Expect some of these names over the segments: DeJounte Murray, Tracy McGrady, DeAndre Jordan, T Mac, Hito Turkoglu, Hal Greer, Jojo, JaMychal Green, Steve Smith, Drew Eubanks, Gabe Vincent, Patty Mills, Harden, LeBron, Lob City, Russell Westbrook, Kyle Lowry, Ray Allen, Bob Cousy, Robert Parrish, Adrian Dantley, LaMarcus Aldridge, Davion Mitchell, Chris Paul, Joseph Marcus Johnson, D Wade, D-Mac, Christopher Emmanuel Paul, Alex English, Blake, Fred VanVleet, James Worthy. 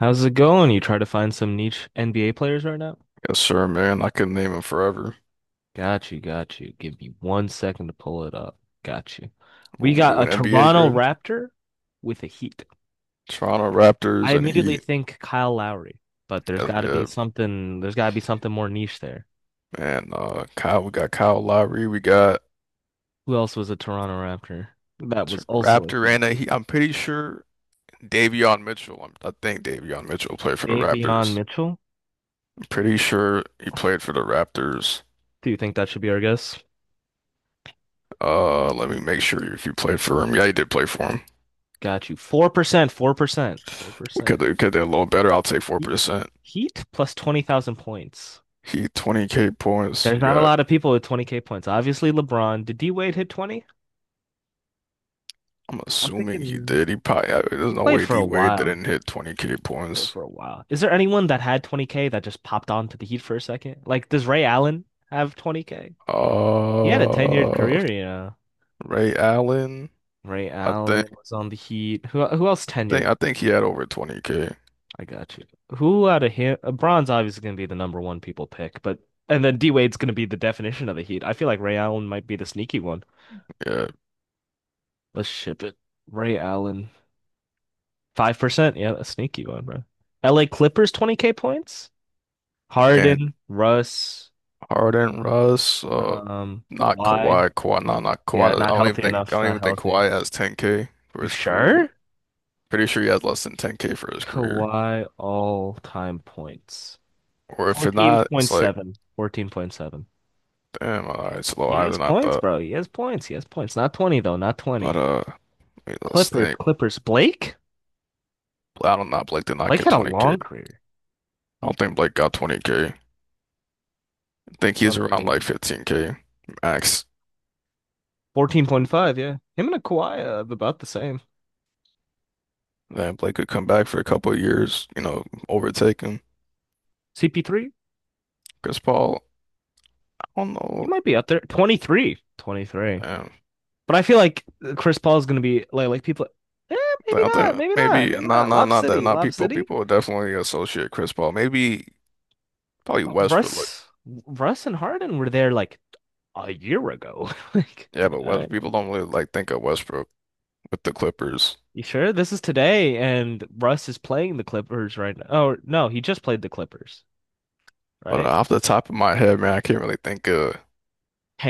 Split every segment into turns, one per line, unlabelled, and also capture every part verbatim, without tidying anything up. How's it going? You try to find some niche N B A players right now?
Yes, sir, man. I could name him forever.
Got you, got you. Give me one second to pull it up. Got you. We
What we
got
do
a
an N B A
Toronto
grid.
Raptor with a Heat.
Toronto
I
Raptors and
immediately
Heat.
think Kyle Lowry, but there's
Yes,
got to be
yeah,
something. There's got to be something more niche there.
man. Uh, Kyle, we got Kyle Lowry. We got
Who else was a Toronto Raptor? That
T-
was also a
Raptor
Heat.
and a Heat. I'm pretty sure Davion Mitchell. I'm, I think Davion Mitchell played for the
Davion
Raptors.
Mitchell.
I'm pretty sure he played for the Raptors.
Do you think that should be our guess?
Uh, let me make sure if you played for him. Yeah, he did play for him.
Got you. four percent, four percent,
We
four percent.
could we could do a little better. I'll take four
Heat?
percent.
Heat plus twenty thousand points.
Heat twenty k points.
There's
You
not a
got.
lot of people with twenty k points. Obviously, LeBron. Did D Wade hit twenty?
I'm
I'm
assuming he
thinking
did. He probably, I- there's
he
no
played
way
for
D
a
Wade
while.
didn't hit twenty k
He played
points.
for a while. Is there anyone that had twenty k that just popped on to the Heat for a second? Like, does Ray Allen have twenty k? He had a tenured
Uh,
career, you know.
Ray Allen,
Ray
I think,
Allen was on the Heat. Who who else
I think,
tenured?
I think he had over twenty k.
I got you. Who out of him? LeBron's obviously going to be the number one people pick, but and then D Wade's going to be the definition of the Heat. I feel like Ray Allen might be the sneaky one.
Yeah,
Let's ship it. Ray Allen. Five percent. Yeah, a sneaky one, bro. L A Clippers, twenty k points.
and
Harden, Russ,
Harden, Russ, uh,
um,
not
why?
Kawhi, Kawhi, no, not
Yeah,
Kawhi. I
not
don't even
healthy
think, I
enough.
don't
Not
even think
healthy.
Kawhi has ten k for
You
his career.
sure?
Pretty sure he has less than ten k for his career.
Kawhi all-time points.
Or if it's not, it's like,
fourteen point seven. fourteen point seven.
damn, all right, it's a little
He
higher
has
than I
points,
thought.
bro. He has points. He has points. Not twenty though, not
But
twenty.
uh, wait, let's
Clippers,
think.
Clippers. Blake?
I don't know. Blake did not
Blake
get
had a
twenty k.
long career.
I don't think Blake got twenty k. I think
Let
he's
me
around
see.
like fifteen k max.
fourteen point five, yeah. Him and a Kawhi uh, about the same.
Then Blake could come back for a couple of years, you know, overtake him.
C P three?
Chris Paul, I don't
He
know.
might be up there. twenty-three. twenty-three.
Damn.
But I feel like Chris Paul is going to be like, like people, eh, maybe
I
not,
think
maybe not,
maybe
maybe
not,
not.
not,
Lob
not that,
City,
not
Lob
people.
City.
People would definitely associate Chris Paul. Maybe probably Westbrook. Like,
Russ, Russ and Harden were there like a year ago. like,
yeah,
you
but
know,
West people don't really like think of Westbrook with the Clippers.
you sure this is today? And Russ is playing the Clippers right now. Oh, no, he just played the Clippers,
But
right?
off the top of my head, man, I can't really think of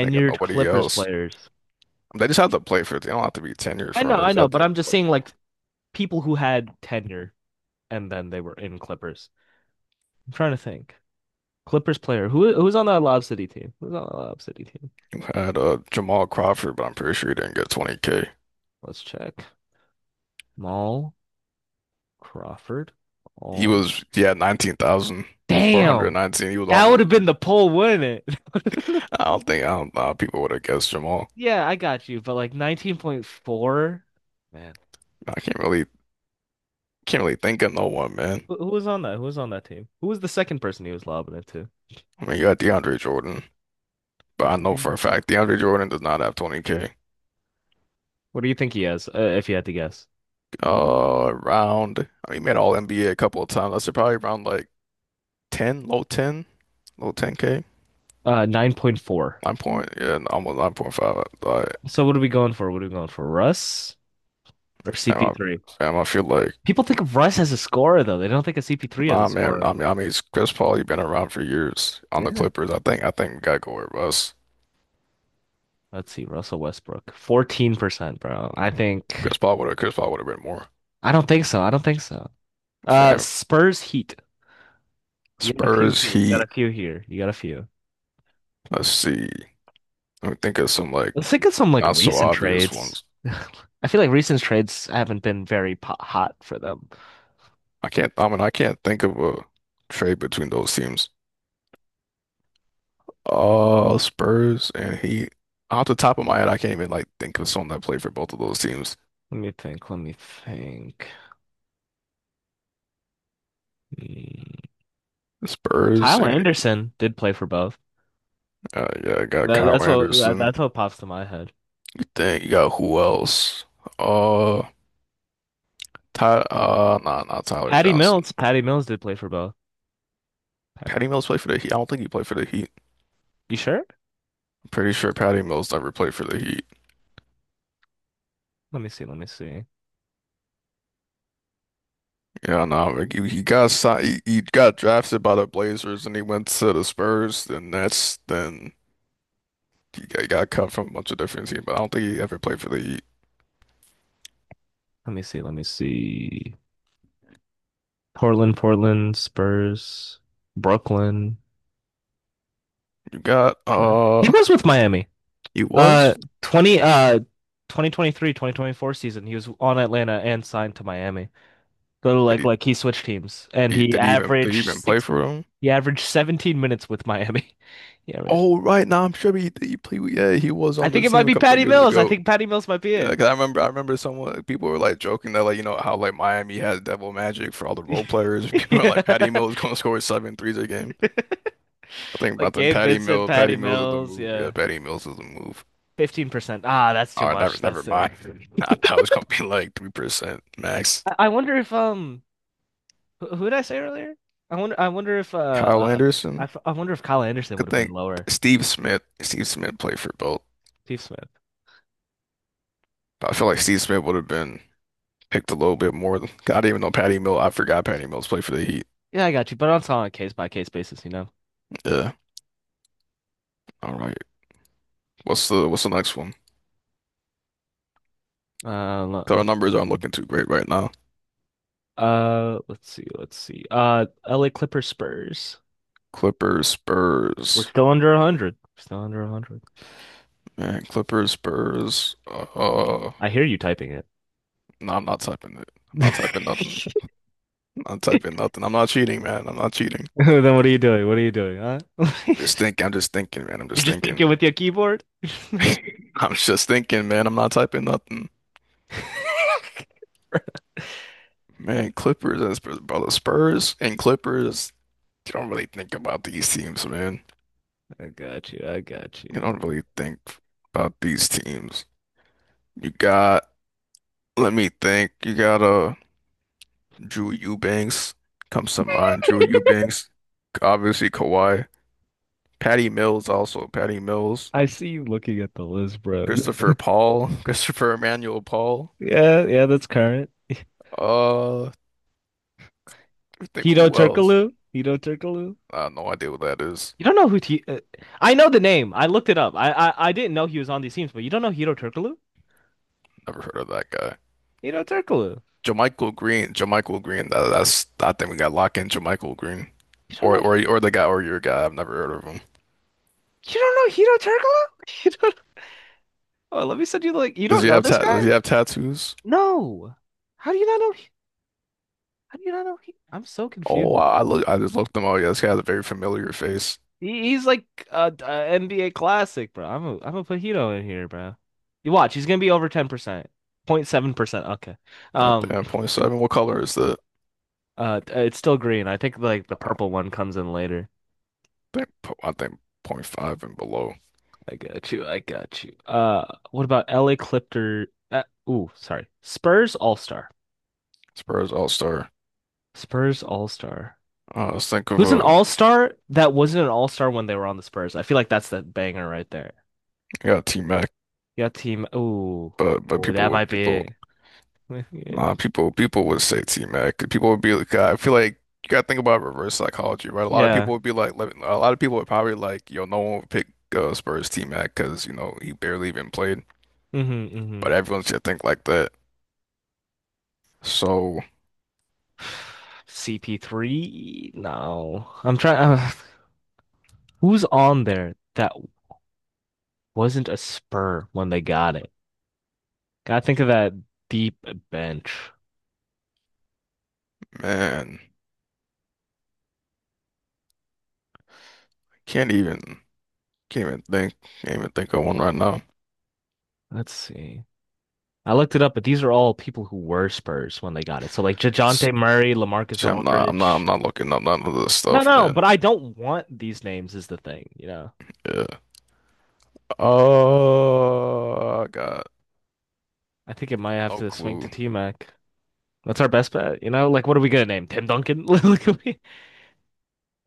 think of nobody
Clippers
else.
players.
They just have to play for it. They don't have to be tenured
I
for
know,
it. They
I
just
know,
have to
but I'm just
play.
saying like people who had tenure and then they were in Clippers. I'm trying to think. Clippers player. Who who's on that Lob City team? Who's on that Lob City team?
Had, uh, Jamal Crawford, but I'm pretty sure he didn't get twenty k.
Let's check. Jamal Crawford.
He
All.
was, he had
Damn.
nineteen thousand four hundred nineteen. He was
That would
almost
have been
there.
the poll, wouldn't it? That would've been the-
I don't think, I don't know how people would have guessed Jamal.
Yeah, I got you, but like nineteen point four. Man.
I can't really, can't really think of no one, man.
Who, who was on that? Who was on that team? Who was the second person he was lobbing it to?
I mean, you got DeAndre Jordan, but
You
I
think
know for
Dan?
a fact DeAndre Jordan does not have twenty k.
What do you think he has, uh, if you had to guess?
Uh, around, I mean, he made all NBA a a couple of times. That's probably around like ten, low ten, low ten k.
Uh, nine point four.
Nine point, yeah, almost nine point five. Like,
So what are we going for? What are we going for? Russ or
damn, I,
C P three?
damn, I feel like
People think of Russ as a scorer, though. They don't think of C P three as a
nah, man.
scorer.
I mean, I mean, it's Chris Paul. He have been around for years on the
Yeah.
Clippers. I think. I think we gotta go with Russ.
Let's see, Russell Westbrook, fourteen percent, bro. I think
Chris Paul would have. Chris Paul would have been more.
I don't think so. I don't think so. Uh
Fam.
Spurs Heat. You got a few
Spurs,
here. You got a
Heat.
few here. You got a few.
Let's see. Let me think of some like
Let's think of some like
not so
recent
obvious
trades.
ones.
I feel like recent trades haven't been very po hot for them.
I can't. I mean, I can't think of a trade between those teams. Uh, Spurs and Heat. Off the top of my head, I can't even like think of someone that played for both of those teams.
Let me think. Let me think. Hmm.
Spurs
Kyle
and
Anderson did play for both.
uh, Yeah, I got
That,
Kyle
that's what that,
Anderson.
that's what pops to my head.
You think you got who else? Uh, Ty, uh, nah, not Tyler
Patty
Johnson.
Mills. Patty Mills did play for both. Patty.
Patty Mills played for the Heat. I don't think he played for the Heat.
You sure?
I'm pretty sure Patty Mills never played for the Heat.
Let me see. Let me see.
Yeah, no, like he, he got signed, he, he got drafted by the Blazers, and he went to the Spurs, then that's then he got, he got cut from a bunch of different teams. But I don't think he ever played for the Heat.
Let me see. Let me see. Portland, Portland, Spurs, Brooklyn.
You got
He
uh,
was with Miami.
He
Uh
was?
20 uh twenty twenty three, twenty twenty four season, he was on Atlanta and signed to Miami. Go to
Did
like
he,
like he switched teams and
he
he
did he even did he
averaged
even play
six
for him?
he averaged seventeen minutes with Miami. He averaged
Oh, right now I'm sure he he played. Yeah, he was
I
on the
think it might
team a
be
couple
Patty
years
Mills. I
ago.
think Patty Mills might be
Yeah,
it.
'cause I remember, I remember someone, people were like joking that like you know how like Miami has devil magic for all the role players. People are like Patty
Yeah.
Mills gonna score seven threes a game. I think
Like
about them.
Gabe
Patty
Vincent,
Mills,
Patty
Patty Mills is the
Mills,
move. Yeah,
yeah.
Patty Mills is the move.
fifteen percent. Ah, that's too
Oh, never,
much.
never
That's it.
mind. I thought it was gonna be like three percent max.
I I wonder if um Who, who did I say earlier? I wonder. I wonder if uh,
Kyle
uh I,
Anderson.
f I wonder if Kyle Anderson would
Could
have been
think
lower.
Steve Smith. Steve Smith played for both.
Steve Smith.
I feel like Steve Smith would have been picked a little bit more than- I didn't even know Patty Mills. I forgot Patty Mills played for the Heat.
Yeah, I got you. But I'm talking on a case by case basis, you know.
Yeah. All right. What's the what's the next one?
Uh, lo-
So our
lo-
numbers aren't looking too great right now.
uh, let's see, let's see. Uh, L A Clippers Spurs.
Clippers,
We're
Spurs,
still under one hundred. Still under one hundred.
man. Clippers, Spurs. Uh,
I hear you typing it.
no, I'm not typing it. I'm not typing nothing. I'm not typing nothing. I'm not cheating, man. I'm not cheating.
Then what are you doing? What are you doing, huh?
Just think. I'm just thinking, man. I'm
You're
just
just
thinking.
thinking with your keyboard? I
I'm just thinking, man. I'm not typing nothing. Man, Clippers and Spurs, brother. Spurs and Clippers. You don't really think about these teams, man.
got you. I got
You don't
you.
really think about these teams. You got. Let me think. You got a. Drew Eubanks comes to mind. Drew Eubanks, obviously Kawhi. Patty Mills also. Patty Mills.
I see you looking at the list, bro.
Christopher Paul. Christopher Emmanuel Paul.
Yeah, yeah, that's current.
Uh, I think
Hito
who else?
Turkoglu. Hito Turkoglu.
I have no idea what that is.
You don't know who T uh, I know the name. I looked it up. I, I I didn't know he was on these teams, but you don't know Hito Turkoglu?
Never heard of that guy.
Hito Turkoglu.
JaMychal Green. JaMychal Green. That, that's. I think we got lock in JaMychal Green,
You don't
or
know
or
he
or the guy or your guy. I've never heard of him.
you don't know Hito Turkoglu? You don't Oh, let me send you the like you
Does
don't
he
know
have
this
ta does
guy?
he have tattoos?
No. How do you not know how do you not know he I'm so confused
Oh,
by it.
I I look. I just looked them up. Yeah, this guy has a very familiar face.
He, he's like a, a N B A classic, bro. I'm a, I'm gonna put Hito in here, bro. You watch, he's gonna be over ten percent. point seven percent. Okay. Um
Goddamn, point seven. What color is that?
Uh, it's still green. I think like the purple one comes in later.
Think I think point zero point five and below.
I got you. I got you. Uh, what about L A Clipper? Uh, ooh, sorry. Spurs All-Star.
Spurs All Star.
Spurs All-Star.
Uh, let's think of
Who's an
a.
All-Star that wasn't an All-Star when they were on the Spurs? I feel like that's the banger right there.
Yeah, T Mac,
Yeah, team. Ooh,
but but
ooh,
people
that
would,
might be
people,
it. Yeah.
nah, people people would say T Mac. People would be like I feel like you gotta think about reverse psychology, right? A lot of
Yeah.
people would be like let- a lot of people would probably like yo no one would pick uh, Spurs T Mac because you know he barely even played,
Mm-hmm. Mm-hmm.
but everyone should think like that. So
C P three? No. I'm trying. Uh, who's on there that wasn't a Spur when they got it? Gotta think of that deep bench.
man, can't even can't even think can't even think of one right now.
Let's see. I looked it up, but these are all people who were Spurs when they got it. So like
Shit,
Dejounte Murray, LaMarcus
I'm not I'm not I'm
Aldridge.
not looking up none of this
No,
stuff,
no,
man.
but I don't want these names is the thing, you know.
Yeah. Oh, I got
I think it might have
no
to swing to
clue.
T-Mac. That's our best bet, you know? Like what are we gonna name? Tim Duncan? Look at me.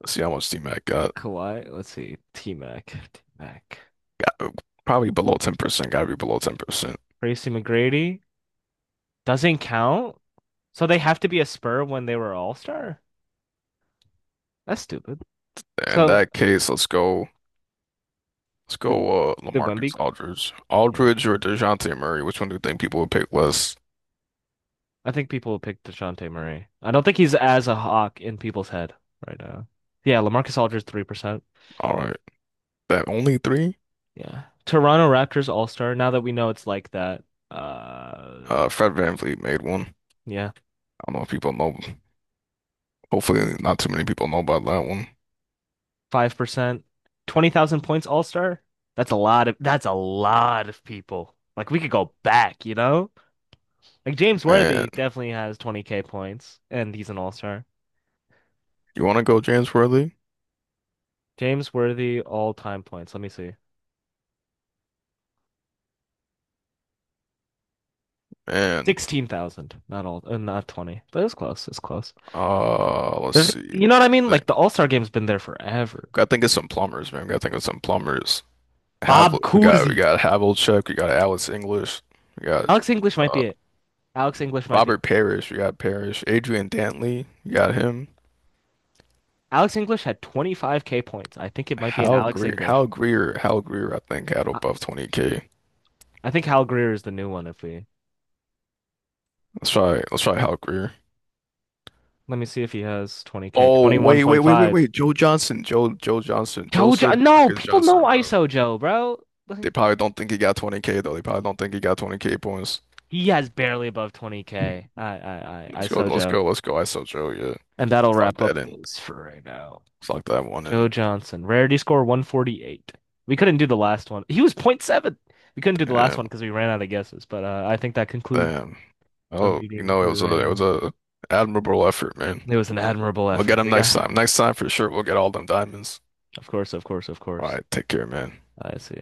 Let's see how much D-Mac got.
Kawhi, let's see. T-Mac. T-Mac.
Got uh, Probably below ten percent. Gotta be below ten percent.
Tracy McGrady doesn't count. So they have to be a Spur when they were All-Star? That's stupid.
In
So
that case, let's go. Let's
did
go. Uh,
did Wemby?
LaMarcus Aldridge,
Yeah.
Aldridge or DeJounte Murray. Which one do you think people would pick less?
I think people will pick DeJounte Murray. I don't think he's as a hawk in people's head right now. Yeah, LaMarcus Aldridge three percent.
All right, that only three.
Yeah. Toronto Raptors All-Star, now that we know it's like that. Uh
Uh, Fred VanVleet made one. I
yeah,
don't know if people know. Hopefully, not too many people know about that one.
five percent. twenty thousand points All-Star? That's a lot of that's a lot of people. Like we could go back, you know? Like James Worthy
And
definitely has twenty k points and he's an All-Star.
you want to go James Worthy?
James Worthy all-time points. Let me see.
And
sixteen thousand, not all, uh, not twenty, but it was close. It's close.
uh, let's
There's,
see.
you know what I mean?
I think
Like the All-Star game's been there forever.
I think it's some plumbers, man. I think it's some plumbers. Have
Bob
we got we
Cousy.
got Havlicek, we got Alex English, we got
Alex English might
uh,
be it. Alex English might be it.
Robert Parrish, we got Parrish, Adrian Dantley, we got him.
Alex English had twenty-five k points. I think it might be an
Hal
Alex
Greer, Hal
English.
Greer, Hal Greer, I think had
I,
above twenty k.
I think Hal Greer is the new one if we
Let's try, let's try Hal Greer.
let me see if he has twenty k.
Oh, wait, wait, wait, wait,
twenty-one point five.
wait. Joe Johnson, Joe, Joe Johnson,
Jojo
Joseph
no,
Marcus
people
Johnson,
know
bro.
ISO Joe, bro. Like,
They probably don't think he got twenty k though. They probably don't think he got twenty k points.
he has barely above twenty k. I I I
Let's go,
ISO
let's
Joe.
go, let's go. ISO Joe, yeah.
And that'll
Let's lock
wrap
that
up
in.
this for right now.
Let's lock that one in.
Joe Johnson, rarity score one forty-eight. We couldn't do the last one. He was point seven. We couldn't do the last one
Damn.
because we ran out of guesses, but uh, I think that concludes
Damn.
our
Oh, you
meeting
know, it
for
was a
right
it
now.
was a admirable effort, man.
It was an admirable
We'll get
effort.
them
We
next
got,
time. Next time for sure, we'll get all them diamonds.
of course, of course, of
All
course.
right, take care, man.
I see.